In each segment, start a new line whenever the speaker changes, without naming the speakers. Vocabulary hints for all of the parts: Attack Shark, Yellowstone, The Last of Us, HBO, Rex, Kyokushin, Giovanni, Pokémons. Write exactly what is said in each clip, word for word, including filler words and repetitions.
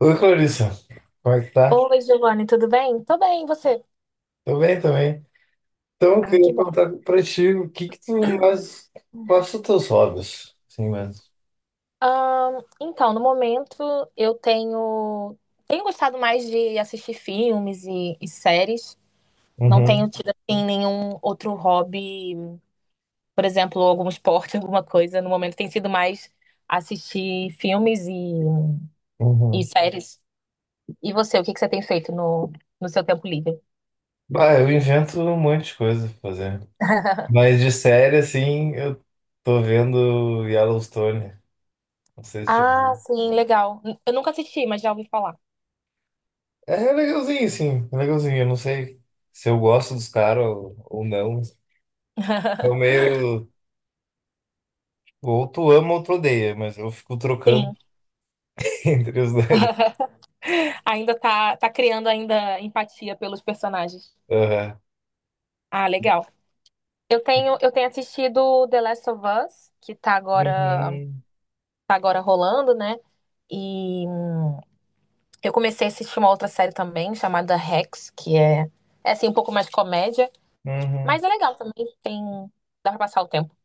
Oi, Clarissa. Como é que tá?
Oi, Giovanni, tudo bem? Tô bem, e você?
Tô bem, também. Então, eu
Ah, que
queria
bom.
perguntar pra ti o que que tu mais... Quais são teus hobbies? Sim, mesmo.
Ahn, então, no momento, eu tenho, tenho gostado mais de assistir filmes e, e séries. Não
Uhum,
tenho tido, assim, nenhum outro hobby, por exemplo, algum esporte, alguma coisa. No momento tem sido mais assistir filmes e, e
uhum.
séries. E você, o que que você tem feito no, no seu tempo livre?
Bah, eu invento um monte de coisa pra fazer. Mas de série, assim, eu tô vendo Yellowstone. Não sei se... tipo.
Ah, sim, legal. Eu nunca assisti, mas já ouvi falar.
É legalzinho, sim. É legalzinho. Eu não sei se eu gosto dos caras ou, ou não. Eu meio... Ou tu ama ou tu odeia, mas eu fico trocando
Sim.
entre os dois.
ainda tá, tá criando ainda empatia pelos personagens.
Aham.
Ah, legal. Eu tenho, eu tenho assistido The Last of Us, que tá agora,
Uhum.
tá agora rolando, né? E hum, eu comecei a assistir uma outra série também, chamada Rex, que é, é assim, um pouco mais comédia,
Uhum.
mas é legal também, tem, dá pra passar o tempo.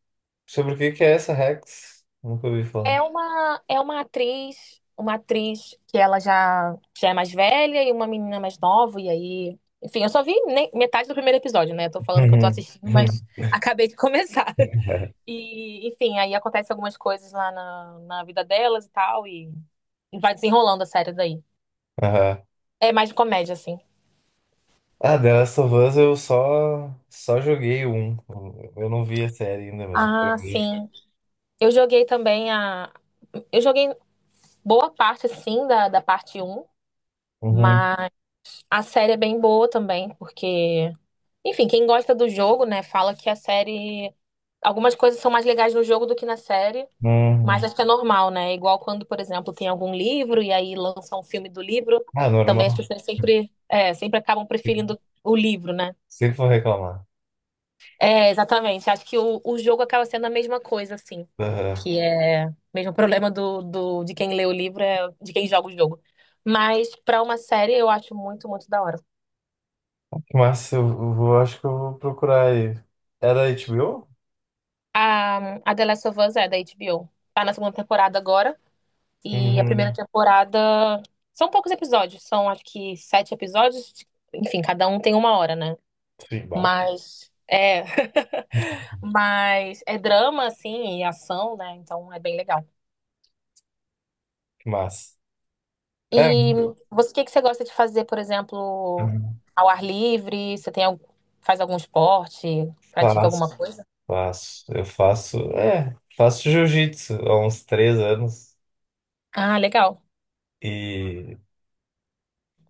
Sobre o que que é essa Rex? Nunca ouvi falar.
É uma, é uma atriz, uma atriz que ela já, já é mais velha e uma menina mais nova, e aí. Enfim, eu só vi ne- metade do primeiro episódio, né? Tô falando que eu tô
Uhum.
assistindo, mas acabei de começar. E, enfim, aí acontecem algumas coisas lá na, na vida delas e tal, e, e vai desenrolando a série daí.
Aham.
É mais de comédia, assim.
Ah, The Last of Us eu só, só joguei um. Eu não vi a série ainda, mas eu quero
Ah,
ver.
sim. Eu joguei também a. Eu joguei boa parte, assim, da, da parte um.
Uhum.
Mas a série é bem boa também, porque. Enfim, quem gosta do jogo, né, fala que a série. Algumas coisas são mais legais no jogo do que na série, mas
Uhum.
acho que é normal, né? É igual quando, por exemplo, tem algum livro e aí lança um filme do livro,
Ah,
também as
normal.
pessoas sempre, é, sempre acabam preferindo o livro, né?
Sempre vou reclamar.
É, exatamente. Acho que o, o jogo acaba sendo a mesma coisa, assim.
Aham.
Que é o mesmo problema do, do, de quem lê o livro, é de quem joga o jogo. Mas pra uma série, eu acho muito, muito da hora.
Mas eu eu vou, acho que eu vou procurar aí. Era H B O?
A, a The Last of Us é da H B O. Tá na segunda temporada agora. E a primeira
Uhum.
temporada. São poucos episódios, são acho que sete episódios. Enfim, cada um tem uma hora, né?
Sim, bah.
Mas. É. Mas é drama, assim, e ação, né? Então é bem legal.
Que massa. É.
E você, o que que você gosta de fazer, por exemplo,
Uhum.
ao ar livre? Você tem, algum- faz algum esporte? Pratica alguma
Faço.
coisa?
Faço. Eu faço. É, faço jiu-jitsu há uns três anos.
Ah, legal.
E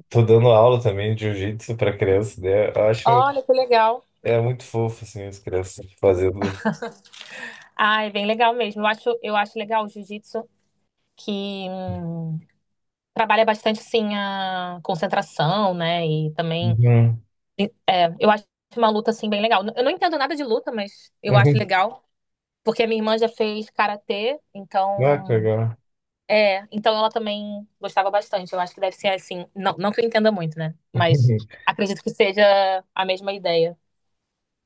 tô dando aula também de jiu-jitsu pra criança, né? Eu acho
Olha que legal.
é muito fofo, assim, as crianças fazendo.
Ah, é bem legal mesmo. Eu acho, eu acho legal o jiu-jitsu, que hum, trabalha bastante assim a concentração, né? E também
Uhum.
é, eu acho uma luta assim bem legal. Eu não entendo nada de luta, mas eu acho
Uhum.
legal. Porque a minha irmã já fez karatê,
Ah, que
então.
legal.
É, então ela também gostava bastante. Eu acho que deve ser assim. Não, não que eu entenda muito, né? Mas acredito que seja a mesma ideia.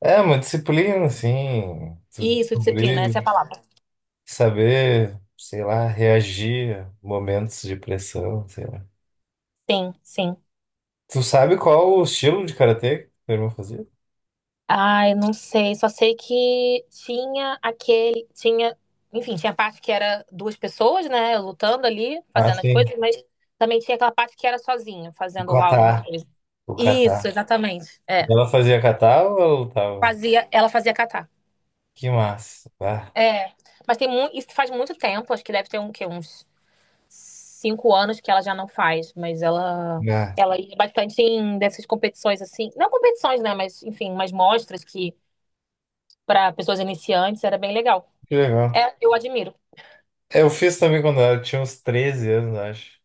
É uma disciplina, assim, tu
Isso, disciplina,
descobrir,
essa é a palavra.
saber, sei lá, reagir a momentos de pressão, sei lá.
Sim, sim.
Tu sabe qual o estilo de karatê que tua irmã fazia?
Ai, não sei, só sei que tinha aquele, tinha, enfim, tinha a parte que era duas pessoas, né, lutando ali,
Ah,
fazendo as
sim.
coisas, mas também tinha aquela parte que era sozinha,
O
fazendo lá alguma
kata.
coisa.
O kata.
Isso, exatamente. É.
Ela fazia kata ou ela lutava?
Fazia, ela fazia catar.
Que massa. Ah,
É. Mas tem muito, isso faz muito tempo, acho que deve ter um, que, uns cinco anos que ela já não faz, mas ela
ah,
ela ia bastante em dessas competições assim, não competições, né, mas enfim, umas mostras que para pessoas iniciantes era bem legal.
que legal.
É, eu admiro.
É, eu fiz também quando eu tinha uns treze anos, acho.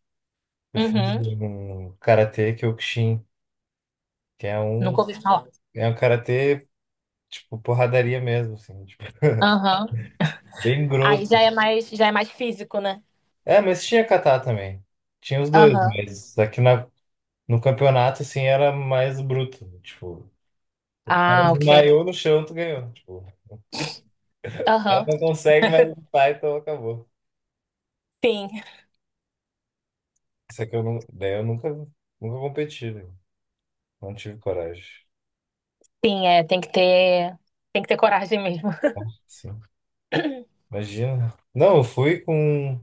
Eu fiz
Uhum.
um karatê Kyokushin, que é
Nunca
um,
ouvi falar.
é um karatê, tipo, porradaria mesmo, assim, tipo,
Aham.
bem
Aí já
grosso.
é mais, já é mais físico, né?
É, mas tinha kata também. Tinha os dois,
Aham.
mas aqui na, no campeonato, assim, era mais bruto. Tipo, o cara
Ah, ok.
desmaiou no chão, tu ganhou. Tipo, o cara
Aham.
não consegue mais lutar, então acabou.
Sim.
Isso aqui eu, nu- daí eu nunca, nunca competi, né? Não tive coragem.
Sim, é, tem que ter, tem que ter coragem mesmo.
Sim, imagina. Não, eu fui com.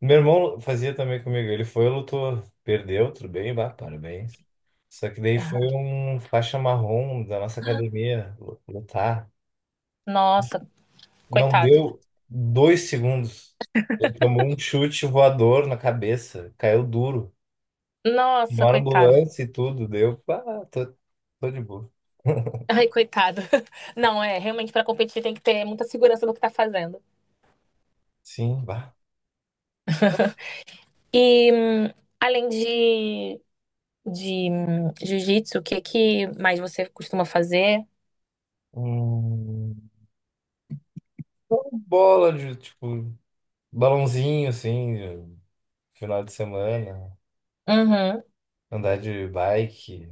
Meu irmão fazia também comigo. Ele foi, lutou, perdeu, tudo bem, bah, parabéns. Só que daí foi um faixa marrom da nossa academia lu- lutar.
Nossa,
Não
coitado.
deu dois segundos. Ele tomou um chute voador na cabeça, caiu duro.
Nossa,
Chamaram
coitado.
ambulância e tudo, deu. Ah, tô, tô de boa.
Ai, coitado. Não, é, realmente para competir tem que ter muita segurança do que tá fazendo.
Sim, bah.
E hum, além de de hum, jiu-jitsu, o que que mais você costuma fazer?
Hum, então, bola de, tipo, balãozinho, assim, de final de semana.
Uhum.
Andar de bike.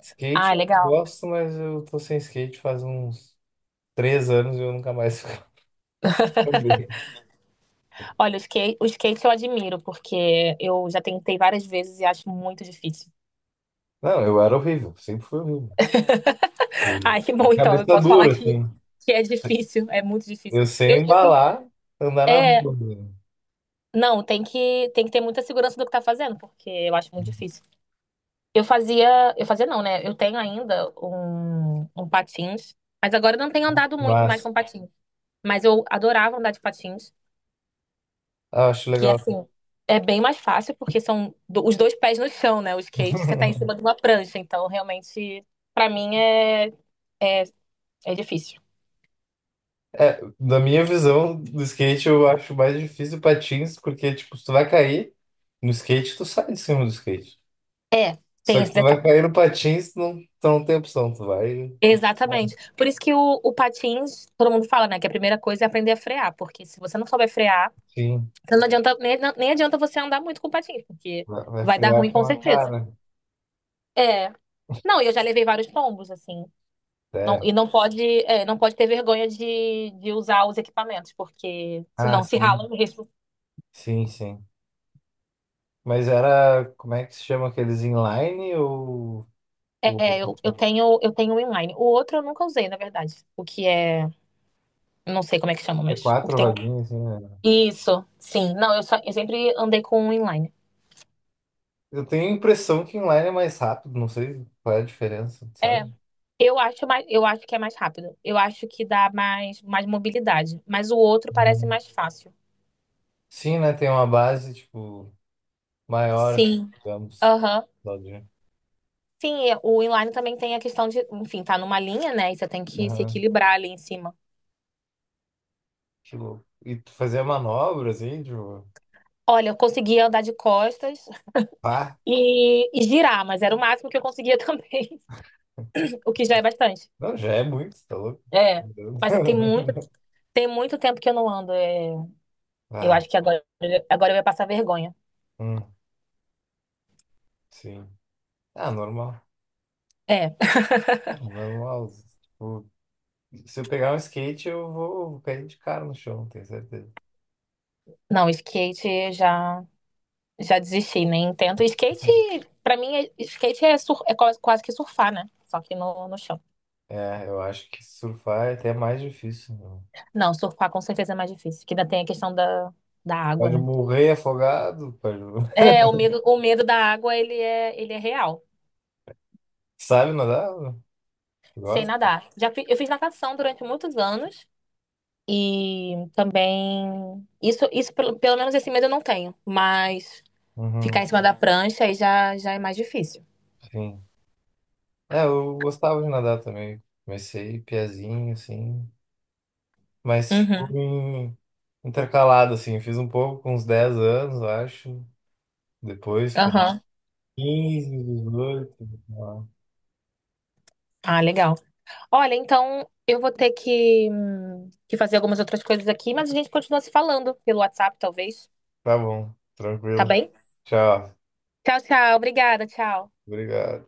Skate
Ah,
eu
legal.
gosto, mas eu tô sem skate faz uns três anos e eu nunca mais andei.
Olha, o skate, o skate eu admiro, porque eu já tentei várias vezes e acho muito difícil.
Não, eu era horrível, sempre fui horrível. Tipo,
Ai, que
de
bom, então, eu
cabeça
posso falar
dura,
que,
assim.
que é difícil, é muito difícil.
Eu sei
Eu, eu sempre-
embalar, andar na
é,
rua, né?
não, tem que, tem que ter muita segurança do que tá fazendo, porque eu acho muito difícil. Eu fazia, eu fazia não, né? Eu tenho ainda um, um patins, mas agora eu não tenho andado muito mais
Mas
com patins. Mas eu adorava andar de patins.
ah, acho
Que
legal.
assim, é bem mais fácil, porque são do- os dois pés no chão, né? O skate, você tá em cima de uma prancha, então realmente, pra mim, é, é, é difícil.
É, da minha visão do skate, eu acho mais difícil patins, porque, tipo, se tu vai cair no skate, tu sai de cima do skate.
É,
Só
tem
que
esse
tu vai
detalhe.
cair no patins, tu não, tu não tem opção, tu vai,
Exatamente. Por isso que o, o patins, todo mundo fala, né? Que a primeira coisa é aprender a frear, porque se você não souber frear,
sim,
então não adianta, nem, nem adianta você andar muito com patins, porque
vai vai
vai dar ruim
frear com
com
a
certeza.
cara.
É. Não, e eu já levei vários tombos, assim. Não,
É,
e não pode, é, não pode ter vergonha de, de usar os equipamentos, porque
ah,
senão se
sim.
rala mesmo.
Sim, sim. Mas era, como é que se chama aqueles inline ou, ou
É, eu, eu tenho, eu tenho um inline. O outro eu nunca usei, na verdade. O que é. eu Não sei como é que chama,
é
mas. O que
quatro
tem.
rodinhas, assim, né?
Isso, sim. Não, eu, só, eu sempre andei com um inline.
Eu tenho a impressão que inline é mais rápido, não sei qual é a diferença,
É,
sabe?
eu acho mais, eu acho que é mais rápido. Eu acho que dá mais, mais mobilidade. Mas o outro parece
Uhum.
mais fácil.
Sim, né? Tem uma base, tipo, maior, assim,
Sim.
digamos.
Aham.
Claudinho.
Sim, é, o inline também tem a questão de, enfim, tá numa linha, né? E você tem que se
Aham.
equilibrar ali em cima.
Que louco. E tu fazia manobra, assim, tipo,
Olha, eu conseguia andar de costas
pá.
e, e girar, mas era o máximo que eu conseguia também, o que já é bastante.
Não, já é muito, tá louco?
É, mas tem muito, tem muito tempo que eu não ando. é. eu
Ah,
acho que agora, agora eu ia passar vergonha.
hum, sim. Ah, normal.
É,
Ah, normal. Tipo, se eu pegar um skate, eu vou, vou cair de cara no chão, tenho certeza.
não, skate eu já já desisti, nem tento. Skate, pra mim, é- skate é, sur, é quase, quase, que surfar, né? Só que no, no chão.
É, eu acho que surfar é até mais difícil. Meu.
Não, surfar com certeza é mais difícil, que ainda tem a questão da, da água,
Pode
né?
morrer afogado, pode...
É, o medo, o medo da água, ele é, ele é real.
Sabe nadar?
Sei
Gosta?
nadar. Já fi- eu fiz natação durante muitos anos e também isso, isso pelo, pelo menos esse medo eu não tenho, mas Ficar
Uhum,
em cima da prancha aí já, já é mais difícil.
sim. É, eu gostava de nadar também. Comecei piazinho, assim. Mas, tipo,
Uhum.
em- intercalado, assim. Fiz um pouco com uns dez anos, eu acho. Depois com
Aham.
quinze dezoito, sei lá.
Ah, legal. Olha, então eu vou ter que, hum, que fazer algumas outras coisas aqui, mas a gente continua se falando pelo WhatsApp, talvez.
Tá bom,
Tá
tranquilo.
bem?
Tchau.
Tchau, tchau. Obrigada, tchau.
Obrigado.